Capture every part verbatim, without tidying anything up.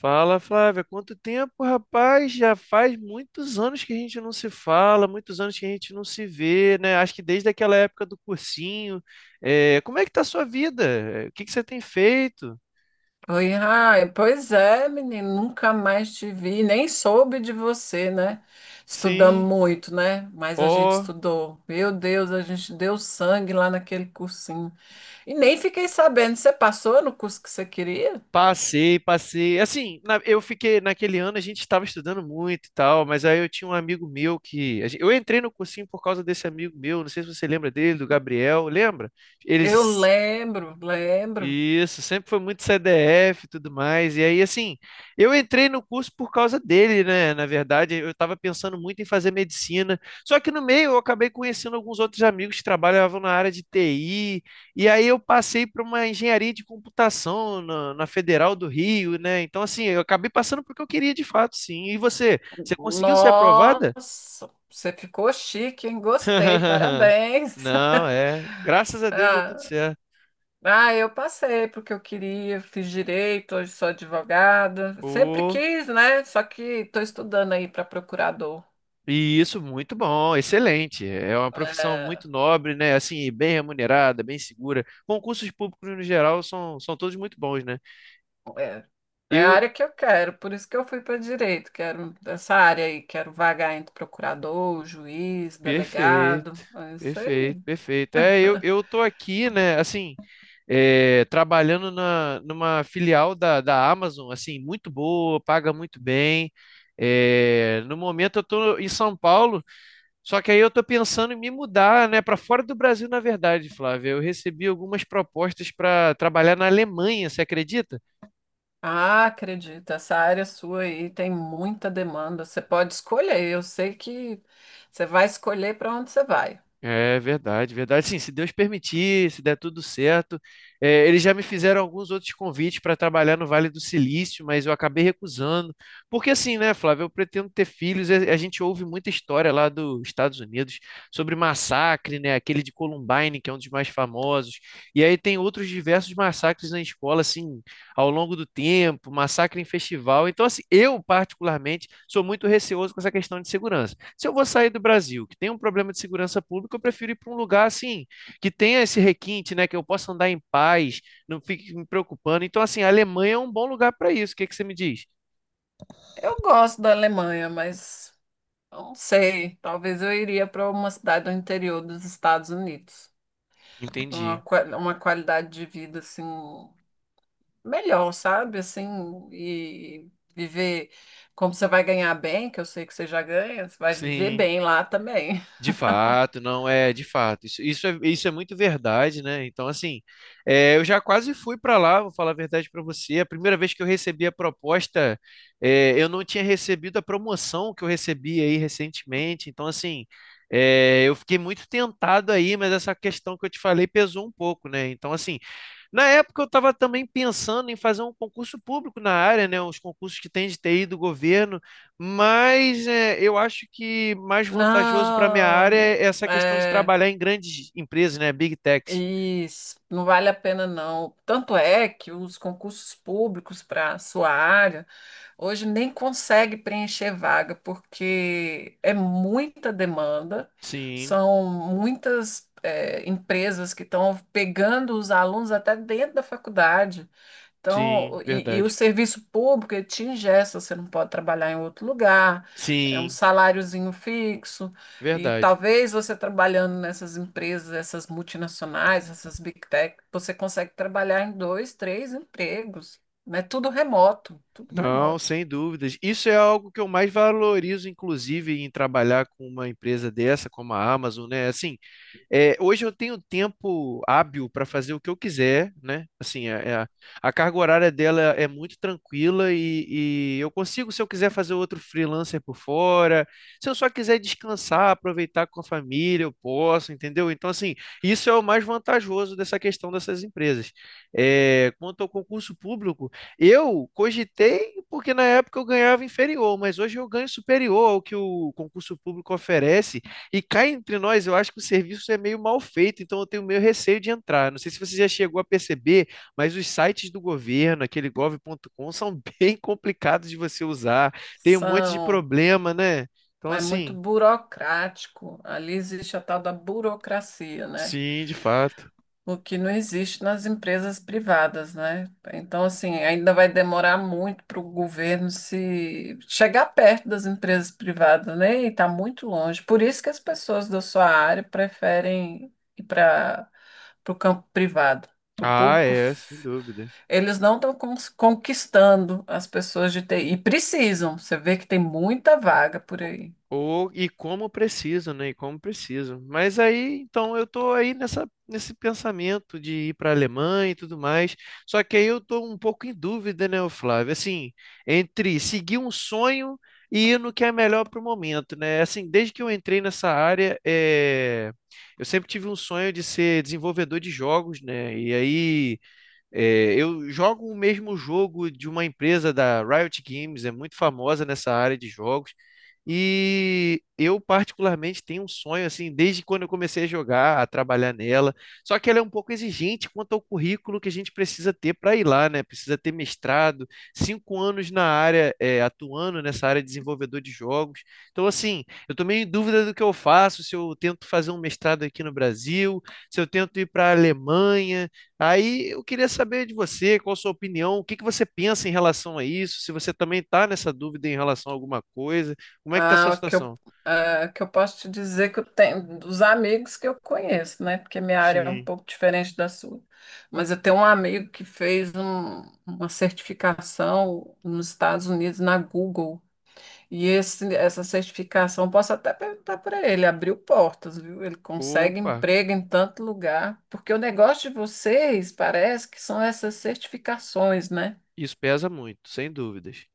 Fala, Flávia, quanto tempo, rapaz? Já faz muitos anos que a gente não se fala, muitos anos que a gente não se vê, né? Acho que desde aquela época do cursinho. É, como é que tá a sua vida? É, o que que você tem feito? Oi, Rai. Pois é, menino, nunca mais te vi, nem soube de você, né? Estudamos Sim. muito, né? Mas a gente Ó, estudou. Meu Deus, a gente deu sangue lá naquele cursinho. E nem fiquei sabendo, você passou no curso que você queria? passei, passei. Assim, na- eu fiquei naquele ano a gente estava estudando muito e tal, mas aí eu tinha um amigo meu que a gen- eu entrei no cursinho por causa desse amigo meu, não sei se você lembra dele, do Gabriel, lembra? Ele Eu lembro, lembro. Isso, sempre foi muito C D F e tudo mais. E aí, assim, eu entrei no curso por causa dele, né? Na verdade, eu estava pensando muito em fazer medicina. Só que no meio eu acabei conhecendo alguns outros amigos que trabalhavam na área de T I. E aí eu passei para uma engenharia de computação na, na Federal do Rio, né? Então, assim, eu acabei passando porque eu queria de fato, sim. E você? Você conseguiu ser aprovada? Nossa, você ficou chique, hein? Gostei, parabéns. Não, é. Graças a Deus deu tudo Ah. certo. Ah, eu passei porque eu queria, fiz direito, hoje sou advogada. Sempre quis, né? Só que estou estudando aí para procurador. e Isso, muito bom, excelente. É uma profissão É, muito nobre, né? Assim, bem remunerada, bem segura. Concursos públicos no geral são, são todos muito bons, né? é, é a Eu, área que eu quero, por isso que eu fui para direito. Quero essa área aí, quero vagar entre procurador, juiz, perfeito, delegado. É isso perfeito, aí. perfeito. É, eu, eu tô aqui, né? Assim, é, trabalhando na, numa filial da, da Amazon, assim, muito boa, paga muito bem. É, no momento eu tô em São Paulo. Só que aí eu tô pensando em me mudar, né, para fora do Brasil, na verdade, Flávia. Eu recebi algumas propostas para trabalhar na Alemanha, você acredita? Ah, acredito, essa área sua aí tem muita demanda. Você pode escolher, eu sei que você vai escolher para onde você vai. É verdade, verdade. Sim, se Deus permitir, se der tudo certo. É, eles já me fizeram alguns outros convites para trabalhar no Vale do Silício, mas eu acabei recusando. Porque assim, né, Flávia, eu pretendo ter filhos. A a gente ouve muita história lá dos Estados Unidos sobre massacre, né, aquele de Columbine, que é um dos mais famosos. E aí tem outros diversos massacres na escola, assim ao longo do tempo, massacre em festival. Então, assim, eu, particularmente, sou muito receoso com essa questão de segurança. Se eu vou sair do Brasil, que tem um problema de segurança pública, eu prefiro ir para um lugar assim, que tenha esse requinte, né? Que eu possa andar em paz, não fique me preocupando. Então, assim, a Alemanha é um bom lugar para isso. O que que você me diz? Eu gosto da Alemanha, mas não sei, talvez eu iria para uma cidade do interior dos Estados Unidos. Uma, Entendi. qua- uma qualidade de vida assim melhor, sabe? Assim, e viver, como você vai ganhar bem, que eu sei que você já ganha, você vai viver Sim. bem lá também. De fato, não é, de fato. Isso, isso é, isso é muito verdade, né? Então, assim, é, eu já quase fui para lá, vou falar a verdade para você. A primeira vez que eu recebi a proposta, é, eu não tinha recebido a promoção que eu recebi aí recentemente. Então, assim, é, eu fiquei muito tentado aí, mas essa questão que eu te falei pesou um pouco, né? Então, assim, na época eu estava também pensando em fazer um concurso público na área, né? Os concursos que tem de T I do governo. Mas é, eu acho que mais vantajoso para minha área Não, é essa questão de é. trabalhar em grandes empresas, né? Big techs. Isso, não vale a pena não. Tanto é que os concursos públicos para a sua área hoje nem consegue preencher vaga, porque é muita demanda, Sim, são muitas eh, empresas que estão pegando os alunos até dentro da faculdade. sim, Então, e, e o verdade. serviço público, ele te engessa, você não pode trabalhar em outro lugar, é um Sim, saláriozinho fixo, e verdade. talvez você trabalhando nessas empresas, essas multinacionais, essas big tech, você consegue trabalhar em dois, três empregos, mas tudo remoto, tudo Não, remoto. sem dúvidas. Isso é algo que eu mais valorizo, inclusive, em trabalhar com uma empresa dessa, como a Amazon, né? Assim, é, hoje eu tenho tempo hábil para fazer o que eu quiser, né? Assim, a, a- a carga horária dela é muito tranquila e, e eu consigo, se eu quiser fazer outro freelancer por fora, se eu só quiser descansar, aproveitar com a família, eu posso, entendeu? Então, assim, isso é o mais vantajoso dessa questão dessas empresas. É, quanto ao concurso público, eu cogitei porque na época eu ganhava inferior, mas hoje eu ganho superior ao que o concurso público oferece. E cá entre nós, eu acho que o serviço é meio mal feito, então eu tenho meio receio de entrar. Não sei se você já chegou a perceber, mas os sites do governo, aquele gov ponto com, são bem complicados de você usar. Tem um monte de São, problema, né? Então, é muito assim, burocrático, ali existe a tal da burocracia, né? sim, de fato. O que não existe nas empresas privadas, né? Então, assim, ainda vai demorar muito para o governo se chegar perto das empresas privadas, né? E está muito longe. Por isso que as pessoas da sua área preferem ir para o campo privado. O Ah, público, é, sem f- dúvida. eles não estão conquistando as pessoas de T I. E precisam. Você vê que tem muita vaga por aí. Ou, e como preciso, né? E como preciso. Mas aí, então, eu tô aí nessa, nesse pensamento de ir para a Alemanha e tudo mais. Só que aí eu tô um pouco em dúvida, né, ô Flávio? Assim, entre seguir um sonho e ir no que é melhor para o momento, né? Assim, desde que eu entrei nessa área, é... eu sempre tive um sonho de ser desenvolvedor de jogos, né? E aí é, eu jogo o mesmo jogo de uma empresa da Riot Games, é muito famosa nessa área de jogos. E eu particularmente tenho um sonho assim, desde quando eu comecei a jogar, a trabalhar nela. Só que ela é um pouco exigente quanto ao currículo que a gente precisa ter para ir lá, né? Precisa ter mestrado, cinco anos na área, é, atuando nessa área de desenvolvedor de jogos. Então, assim, eu tô meio em dúvida do que eu faço, se eu tento fazer um mestrado aqui no Brasil, se eu tento ir para a Alemanha. Aí eu queria saber de você, qual a sua opinião, o que que você pensa em relação a isso, se você também está nessa dúvida em relação a alguma coisa, como é que está a Ah, sua o que eu, situação? ah, o que eu posso te dizer que eu tenho dos amigos que eu conheço, né? Porque minha área é um Sim. pouco diferente da sua. Mas eu tenho um amigo que fez um- uma certificação nos Estados Unidos na Google. E esse, essa certificação, posso até perguntar para ele, abriu portas, viu? Ele consegue Opa, emprego em tanto lugar. Porque o negócio de vocês parece que são essas certificações, né? isso pesa muito, sem dúvidas.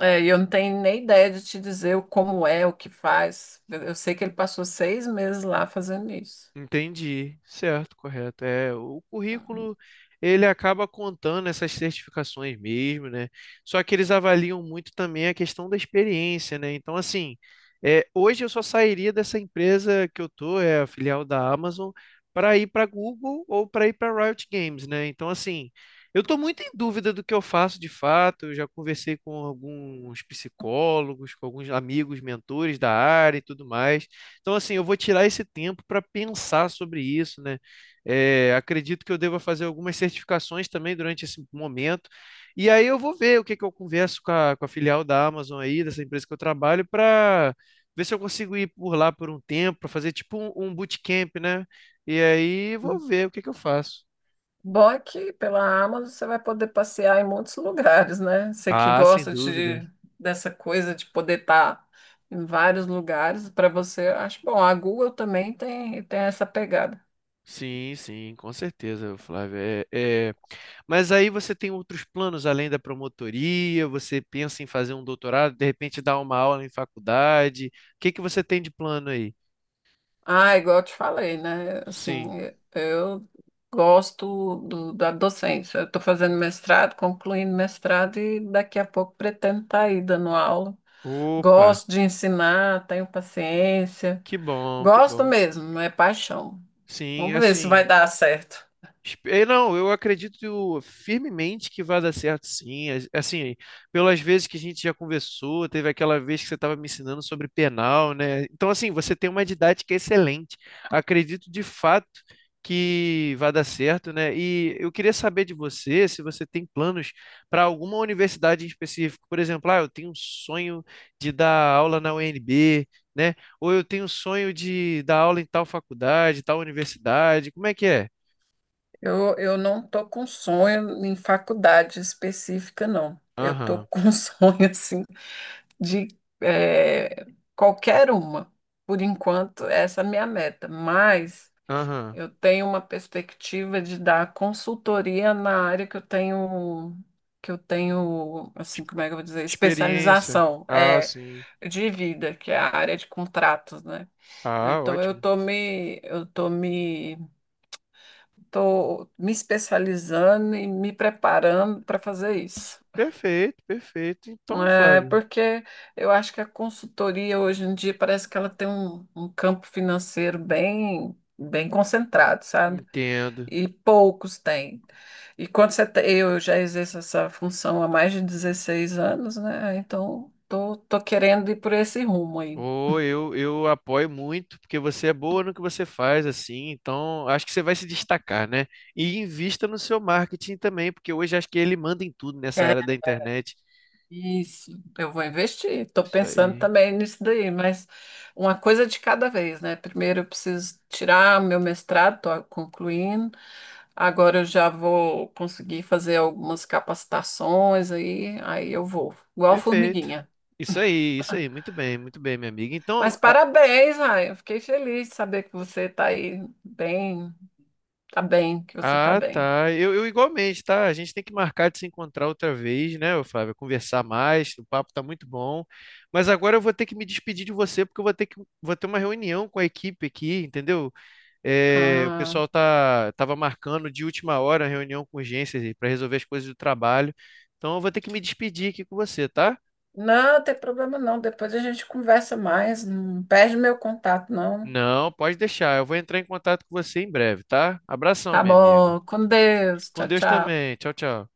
É, e eu não tenho nem ideia de te dizer o- como é, o que faz. Eu eu sei que ele passou seis meses lá fazendo isso. Entendi, certo, correto. É, o currículo ele acaba contando essas certificações mesmo, né? Só que eles avaliam muito também a questão da experiência, né? Então, assim, é, hoje eu só sairia dessa empresa que eu tô, é a filial da Amazon, para ir para Google ou para ir para Riot Games, né? Então, assim, eu tô muito em dúvida do que eu faço de fato. Eu já conversei com alguns psicólogos, com alguns amigos, mentores da área e tudo mais. Então, assim, eu vou tirar esse tempo para pensar sobre isso, né? É, acredito que eu deva fazer algumas certificações também durante esse momento. E aí eu vou ver o que que eu converso com a, com a filial da Amazon aí, dessa empresa que eu trabalho, para ver se eu consigo ir por lá por um tempo, para fazer tipo um, um bootcamp, né? E aí Uhum. vou ver o que que eu faço. Bom é que pela Amazon você vai poder passear em muitos lugares, né? Você que Ah, sem gosta dúvida. de, dessa coisa de poder estar em vários lugares, para você, eu acho bom. A Google também tem, tem essa pegada. Sim, sim, com certeza, Flávio. É, é- Mas aí você tem outros planos além da promotoria, você pensa em fazer um doutorado, de repente dar uma aula em faculdade. O que que você tem de plano aí? Ah, igual eu te falei, né? Assim, Sim. eu gosto do- da docência. Eu estou fazendo mestrado, concluindo mestrado e daqui a pouco pretendo estar aí dando aula. Opa, Gosto de ensinar, tenho paciência. que bom, que Gosto bom. mesmo, é paixão. Sim, é Vamos ver se vai assim. dar certo. Espe- eh, Não, eu acredito firmemente que vai dar certo, sim. As- Assim, pelas vezes que a gente já conversou, teve aquela vez que você estava me ensinando sobre penal, né? Então, assim, você tem uma didática excelente. Acredito de fato que vai dar certo, né? E eu queria saber de você se você tem planos para alguma universidade em específico. Por exemplo, ah, eu tenho um sonho de dar aula na U N B, né? Ou eu tenho um sonho de dar aula em tal faculdade, tal universidade. Como é que é? Eu, eu não estou com sonho em faculdade específica, não. Eu estou Aham. com sonho, assim, de eh, qualquer uma. Por enquanto, essa é a minha meta. Mas Aham. eu tenho uma perspectiva de dar consultoria na área que eu tenho, que eu tenho, Ex- assim, como é que eu vou dizer, Experiência. especialização, Ah, é, sim. de vida, que é a área de contratos, né? Ah, Ah, então eu ótimo. tô me, eu tô me, tô me especializando e me preparando para fazer isso. Perfeito, perfeito. Então, É, Flávio, porque eu acho que a consultoria hoje em dia parece que ela tem um, um campo financeiro bem, bem concentrado, sabe? entendo. E poucos têm. E quando você te- eu já exerço essa função há mais de dezesseis anos, né? Então, tô, tô querendo ir por esse rumo aí. Ou eu, eu apoio muito, porque você é boa no que você faz, assim, então acho que você vai se destacar, né? E invista no seu marketing também, porque hoje acho que ele manda em tudo nessa É, era da internet. isso, eu vou investir. Estou Isso pensando aí. também nisso daí, mas uma coisa de cada vez, né? Primeiro eu preciso tirar meu mestrado, estou concluindo. Agora eu já vou conseguir fazer algumas capacitações aí, aí eu vou, igual Perfeito. formiguinha. Isso aí, isso aí. Muito bem, muito bem, minha amiga. Então, Mas parabéns, Ryan. Eu fiquei feliz de saber que você está aí bem, tá bem, que você está ah, bem. tá. Eu, eu igualmente, tá? A gente tem que marcar de se encontrar outra vez, né, ô Flávio? Conversar mais, o papo tá muito bom. Mas agora eu vou ter que me despedir de você, porque eu vou ter que, vou ter uma reunião com a equipe aqui, entendeu? É, o Ah, pessoal tá, tava marcando de última hora a reunião com urgência para resolver as coisas do trabalho. Então eu vou ter que me despedir aqui com você, tá? não, tem problema não. Depois a gente conversa mais. Não perde meu contato, não. Não, pode deixar. Eu vou entrar em contato com você em breve, tá? Abração, Tá minha amiga. bom. Com Deus. Com Tchau, Deus tchau. também. Tchau, tchau.